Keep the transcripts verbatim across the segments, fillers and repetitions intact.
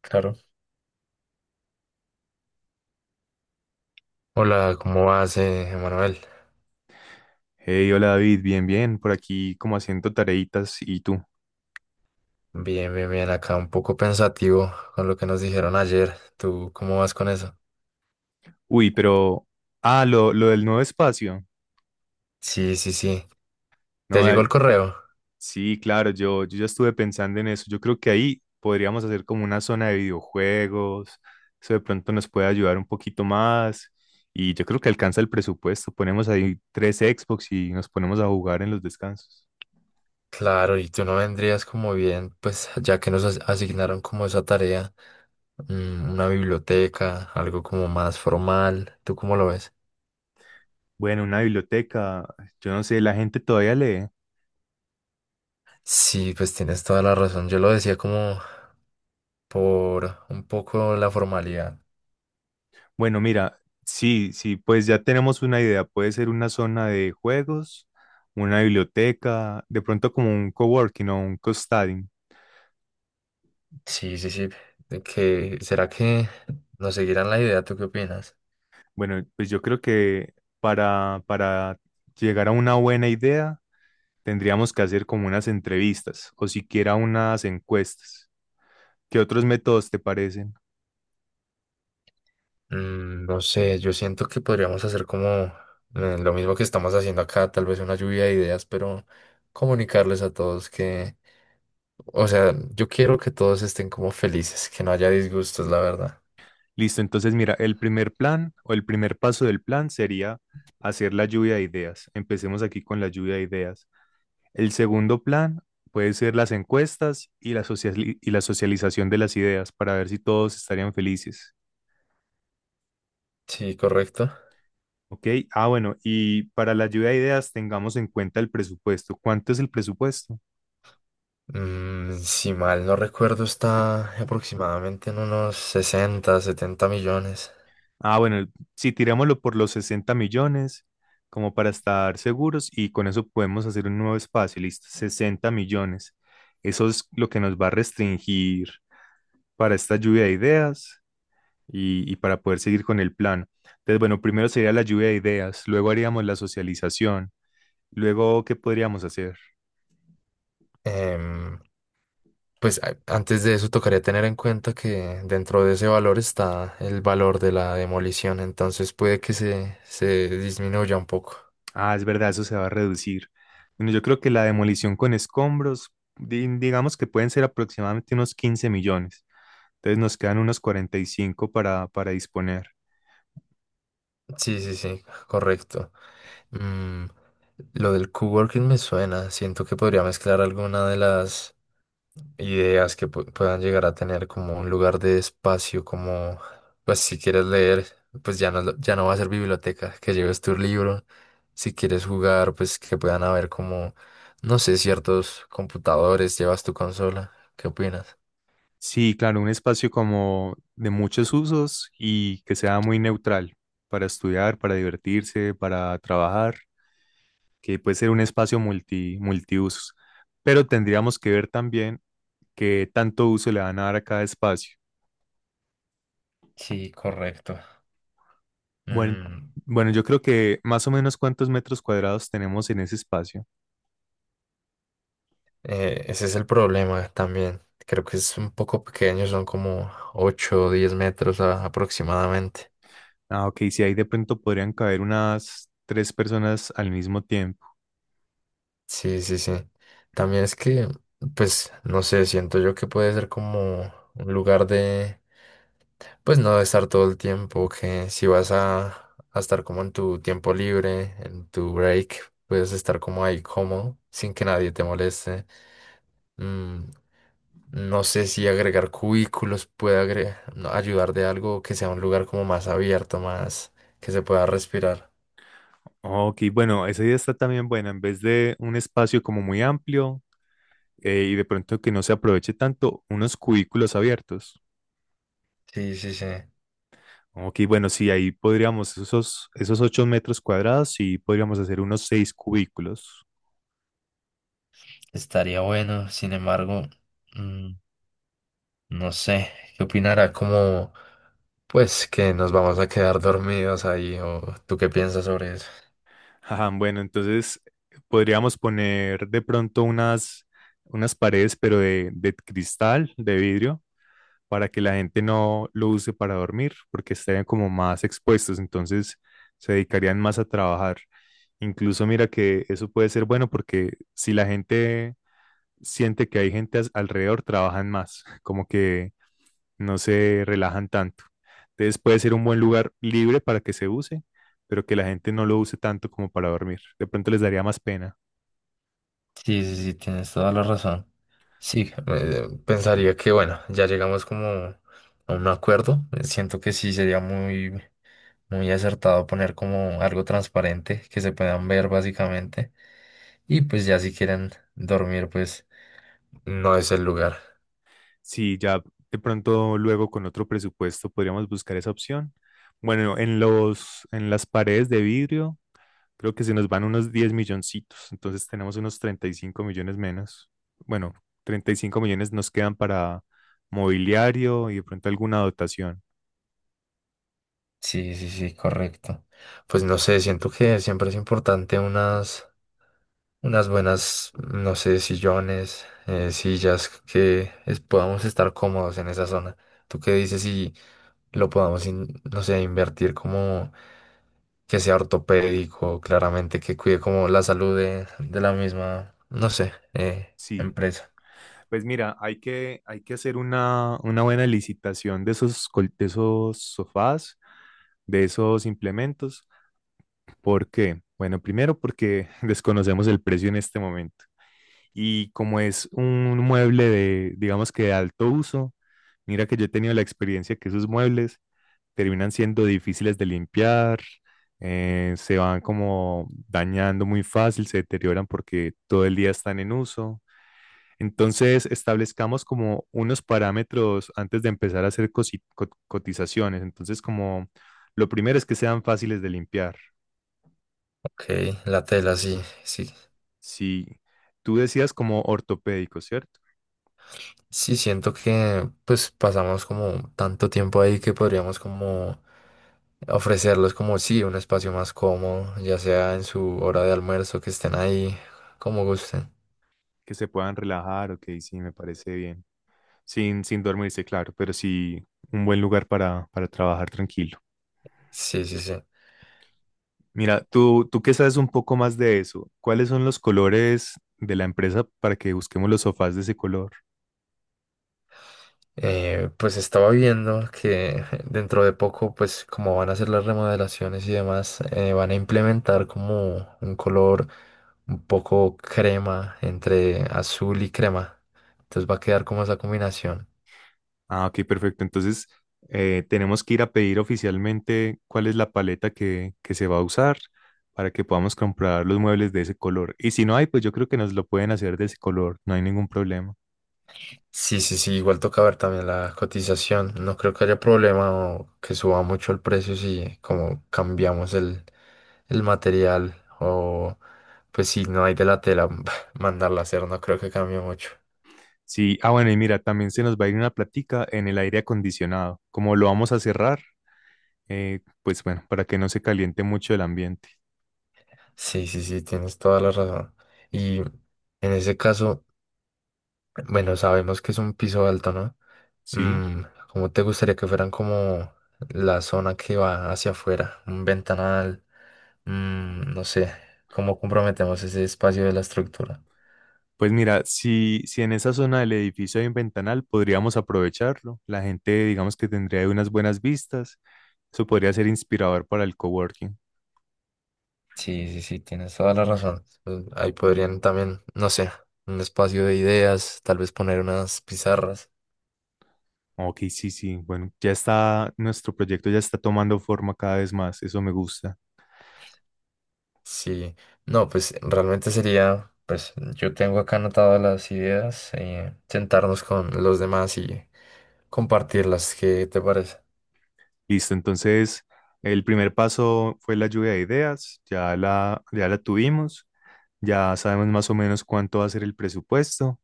Claro. Hola, ¿cómo vas, eh, Emanuel? Hey, hola David, bien, bien, por aquí como haciendo tareitas y tú. Bien, bien, bien. Acá un poco pensativo con lo que nos dijeron ayer. ¿Tú cómo vas con eso? Uy, pero, ah, lo, lo del nuevo espacio. Sí, sí, sí. ¿Te No, llegó eh, el correo? sí, claro, yo, yo ya estuve pensando en eso. Yo creo que ahí podríamos hacer como una zona de videojuegos. Eso de pronto nos puede ayudar un poquito más. Y yo creo que alcanza el presupuesto. Ponemos ahí tres Xbox y nos ponemos a jugar en los descansos. Claro, y tú no vendrías como bien, pues ya que nos as- asignaron como esa tarea, mm, una biblioteca, algo como más formal. ¿Tú cómo lo ves? Bueno, una biblioteca. Yo no sé, la gente todavía lee. Sí, pues tienes toda la razón. Yo lo decía como por un poco la formalidad. Bueno, mira, sí, sí, pues ya tenemos una idea. Puede ser una zona de juegos, una biblioteca, de pronto como un coworking o un co-studying. Sí, sí, sí. ¿De que será que nos seguirán la idea? ¿Tú qué opinas? Bueno, pues yo creo que para, para llegar a una buena idea tendríamos que hacer como unas entrevistas o siquiera unas encuestas. ¿Qué otros métodos te parecen? Mm, No sé, yo siento que podríamos hacer como eh, lo mismo que estamos haciendo acá, tal vez una lluvia de ideas, pero comunicarles a todos que, o sea, yo quiero que todos estén como felices, que no haya disgustos, la verdad. Listo, entonces mira, el primer plan o el primer paso del plan sería hacer la lluvia de ideas. Empecemos aquí con la lluvia de ideas. El segundo plan puede ser las encuestas y la, sociali- y la socialización de las ideas para ver si todos estarían felices. Sí, correcto. Ok, ah, bueno, y para la lluvia de ideas tengamos en cuenta el presupuesto. ¿Cuánto es el presupuesto? Mm, si mal no recuerdo, está aproximadamente en unos sesenta, setenta millones. Ah, bueno, el- si tirámoslo por los sesenta millones, como para estar seguros, y con eso podemos hacer un nuevo espacio, listo, sesenta millones. Eso es lo que nos va a restringir para esta lluvia de ideas y, y para poder seguir con el plan. Entonces, bueno, primero sería la lluvia de ideas, luego haríamos la socialización, luego, ¿qué podríamos hacer? Em, Pues a- antes de eso tocaría tener en cuenta que dentro de ese valor está el valor de la demolición, entonces puede que se, se disminuya un poco. Ah, es verdad, eso se va a reducir. Bueno, yo creo que la demolición con escombros, di- digamos que pueden ser aproximadamente unos quince millones. Entonces nos quedan unos cuarenta y cinco para, para disponer. Sí, sí, sí, correcto. Mm, lo del coworking me suena, siento que podría mezclar alguna de las ideas que pu- puedan llegar a tener como un lugar de espacio, como, pues si quieres leer, pues ya no, lo- ya no va a ser biblioteca, que lleves tu libro, si quieres jugar, pues que puedan haber como, no sé, ciertos computadores, llevas tu consola. ¿Qué opinas? Sí, claro, un espacio como de muchos usos y que sea muy neutral para estudiar, para divertirse, para trabajar. Que puede ser un espacio multi, multiusos, pero tendríamos que ver también qué tanto uso le van a dar a cada espacio. Sí, correcto. Bueno, Mm, bueno, yo creo que más o menos cuántos metros cuadrados tenemos en ese espacio. eh, ese es el problema también. Creo que es un poco pequeño, son como ocho o diez metros a- aproximadamente. Ah, ok, si ahí de pronto podrían caber unas tres personas al mismo tiempo. Sí, sí, sí. También es que, pues, no sé, siento yo que puede ser como un lugar de, pues, no de estar todo el tiempo, que si vas a, a estar como en tu tiempo libre, en tu break, puedes estar como ahí cómodo, sin que nadie te moleste. Mm, no sé si agregar cubículos puede agre- no, ayudar de algo que sea un lugar como más abierto, más que se pueda respirar. Ok, bueno, esa idea está también buena. En vez de un espacio como muy amplio, eh, y de pronto que no se aproveche tanto, unos cubículos abiertos. Sí, sí, sí. Ok, bueno, sí, ahí podríamos, esos, esos ocho metros cuadrados, sí podríamos hacer unos seis cubículos. Estaría bueno, sin embargo. No sé, ¿qué opinará? Como, pues, que nos vamos a quedar dormidos ahí, o tú qué piensas sobre eso. Ajá, bueno, entonces podríamos poner de pronto unas, unas paredes, pero de, de cristal, de vidrio, para que la gente no lo use para dormir, porque estarían como más expuestos, entonces se dedicarían más a trabajar. Incluso mira que eso puede ser bueno porque si la gente siente que hay gente as- alrededor, trabajan más, como que no se relajan tanto. Entonces puede ser un buen lugar libre para que se use, pero que la gente no lo use tanto como para dormir. De pronto les daría más pena. Sí, sí, sí, tienes toda la razón. Sí, eh, pensaría que, bueno, ya llegamos como a un acuerdo. Eh, Siento que sí sería muy, muy acertado poner como algo transparente que se puedan ver básicamente. Y pues ya si quieren dormir, pues no es el lugar. Sí, ya de pronto luego con otro presupuesto podríamos buscar esa opción. Bueno, en los, en las paredes de vidrio. Creo que se nos van unos diez milloncitos, entonces tenemos unos treinta y cinco millones menos. Bueno, treinta y cinco millones nos quedan para mobiliario y de pronto alguna dotación. Sí, sí, sí, correcto. Pues no sé, siento que siempre es importante unas unas buenas, no sé, sillones, eh, sillas que es- podamos estar cómodos en esa zona. ¿Tú qué dices si lo podamos, in- no sé, invertir como que sea ortopédico, claramente, que cuide como la salud de, de la misma, no sé, eh, Sí, empresa? pues mira, hay que, hay que hacer una, una buena licitación de esos, col- de esos sofás, de esos implementos. ¿Por qué? Bueno, primero porque desconocemos el precio en este momento. Y como es un mueble de, digamos que de alto uso, mira que yo he tenido la experiencia que esos muebles terminan siendo difíciles de limpiar. Eh, se van como dañando muy fácil, se deterioran porque todo el día están en uso. Entonces, establezcamos como unos parámetros antes de empezar a hacer cosi- co- cotizaciones. Entonces, como lo primero es que sean fáciles de limpiar. Ok, la tela, sí, sí. Si tú decías como ortopédicos, ¿cierto? Sí, siento que pues pasamos como tanto tiempo ahí que podríamos como ofrecerles como sí, un espacio más cómodo, ya sea en su hora de almuerzo, que estén ahí como gusten. Que se puedan relajar, ok, sí, me parece bien. Sin, sin dormirse, claro, pero sí un buen lugar para, para trabajar tranquilo. Sí, sí, sí. Mira, tú, tú que sabes un poco más de eso, ¿cuáles son los colores de la empresa para que busquemos los sofás de ese color? Eh, pues estaba viendo que dentro de poco, pues como van a hacer las remodelaciones y demás, eh, van a implementar como un color un poco crema, entre azul y crema. Entonces va a quedar como esa combinación. Ah, ok, perfecto. Entonces, eh, tenemos que ir a pedir oficialmente cuál es la paleta que, que se va a usar para que podamos comprar los muebles de ese color. Y si no hay, pues yo creo que nos lo pueden hacer de ese color, no hay ningún problema. Sí, sí, sí, igual toca ver también la cotización. No creo que haya problema o que suba mucho el precio si como cambiamos el, el material o pues si no hay de la tela, mandarla a hacer, no creo que cambie mucho. Sí, ah, bueno, y mira, también se nos va a ir una plática en el aire acondicionado. Como lo vamos a cerrar, eh, pues bueno, para que no se caliente mucho el ambiente. Sí, sí, sí, tienes toda la razón. Y en ese caso, bueno, sabemos que es un piso alto, ¿no? Sí. Mm, ¿Cómo te gustaría que fueran como la zona que va hacia afuera? Un ventanal. Mm, no sé cómo comprometemos ese espacio de la estructura. Pues mira, si, si en esa zona del edificio hay un ventanal, podríamos aprovecharlo. La gente, digamos que tendría unas buenas vistas. Eso podría ser inspirador para el coworking. Sí, sí, sí, tienes toda la razón. Eh, Ahí podrían también, no sé, un espacio de ideas, tal vez poner unas pizarras. Ok, sí, sí. Bueno, ya está, nuestro proyecto ya está tomando forma cada vez más. Eso me gusta. Sí, no, pues realmente sería, pues yo tengo acá anotadas las ideas, eh, sentarnos con los demás y compartirlas. ¿Qué te parece? Listo, entonces el primer paso fue la lluvia de ideas. Ya la, ya la tuvimos. Ya sabemos más o menos cuánto va a ser el presupuesto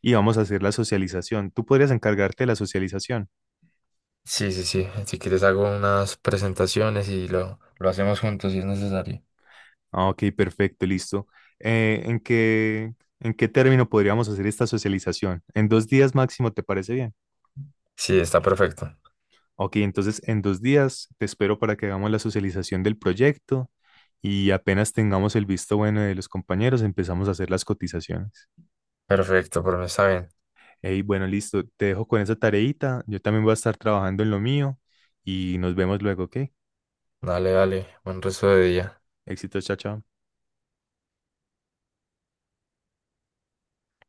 y vamos a hacer la socialización. ¿Tú podrías encargarte de la socialización? Sí, sí, sí. Si quieres hago unas presentaciones y lo, lo hacemos juntos si es necesario. Ah, ok, perfecto, listo. Eh, ¿en qué, en qué término podríamos hacer esta socialización? En dos días máximo, ¿te parece bien? Sí, está perfecto. Ok, entonces en dos días te espero para que hagamos la socialización del proyecto y apenas tengamos el visto bueno de los compañeros, empezamos a hacer las cotizaciones. Perfecto, por mí está bien. Y bueno, listo, te dejo con esa tareita. Yo también voy a estar trabajando en lo mío y nos vemos luego, ¿ok? Dale, dale, buen resto de día. Éxito, chao, chao.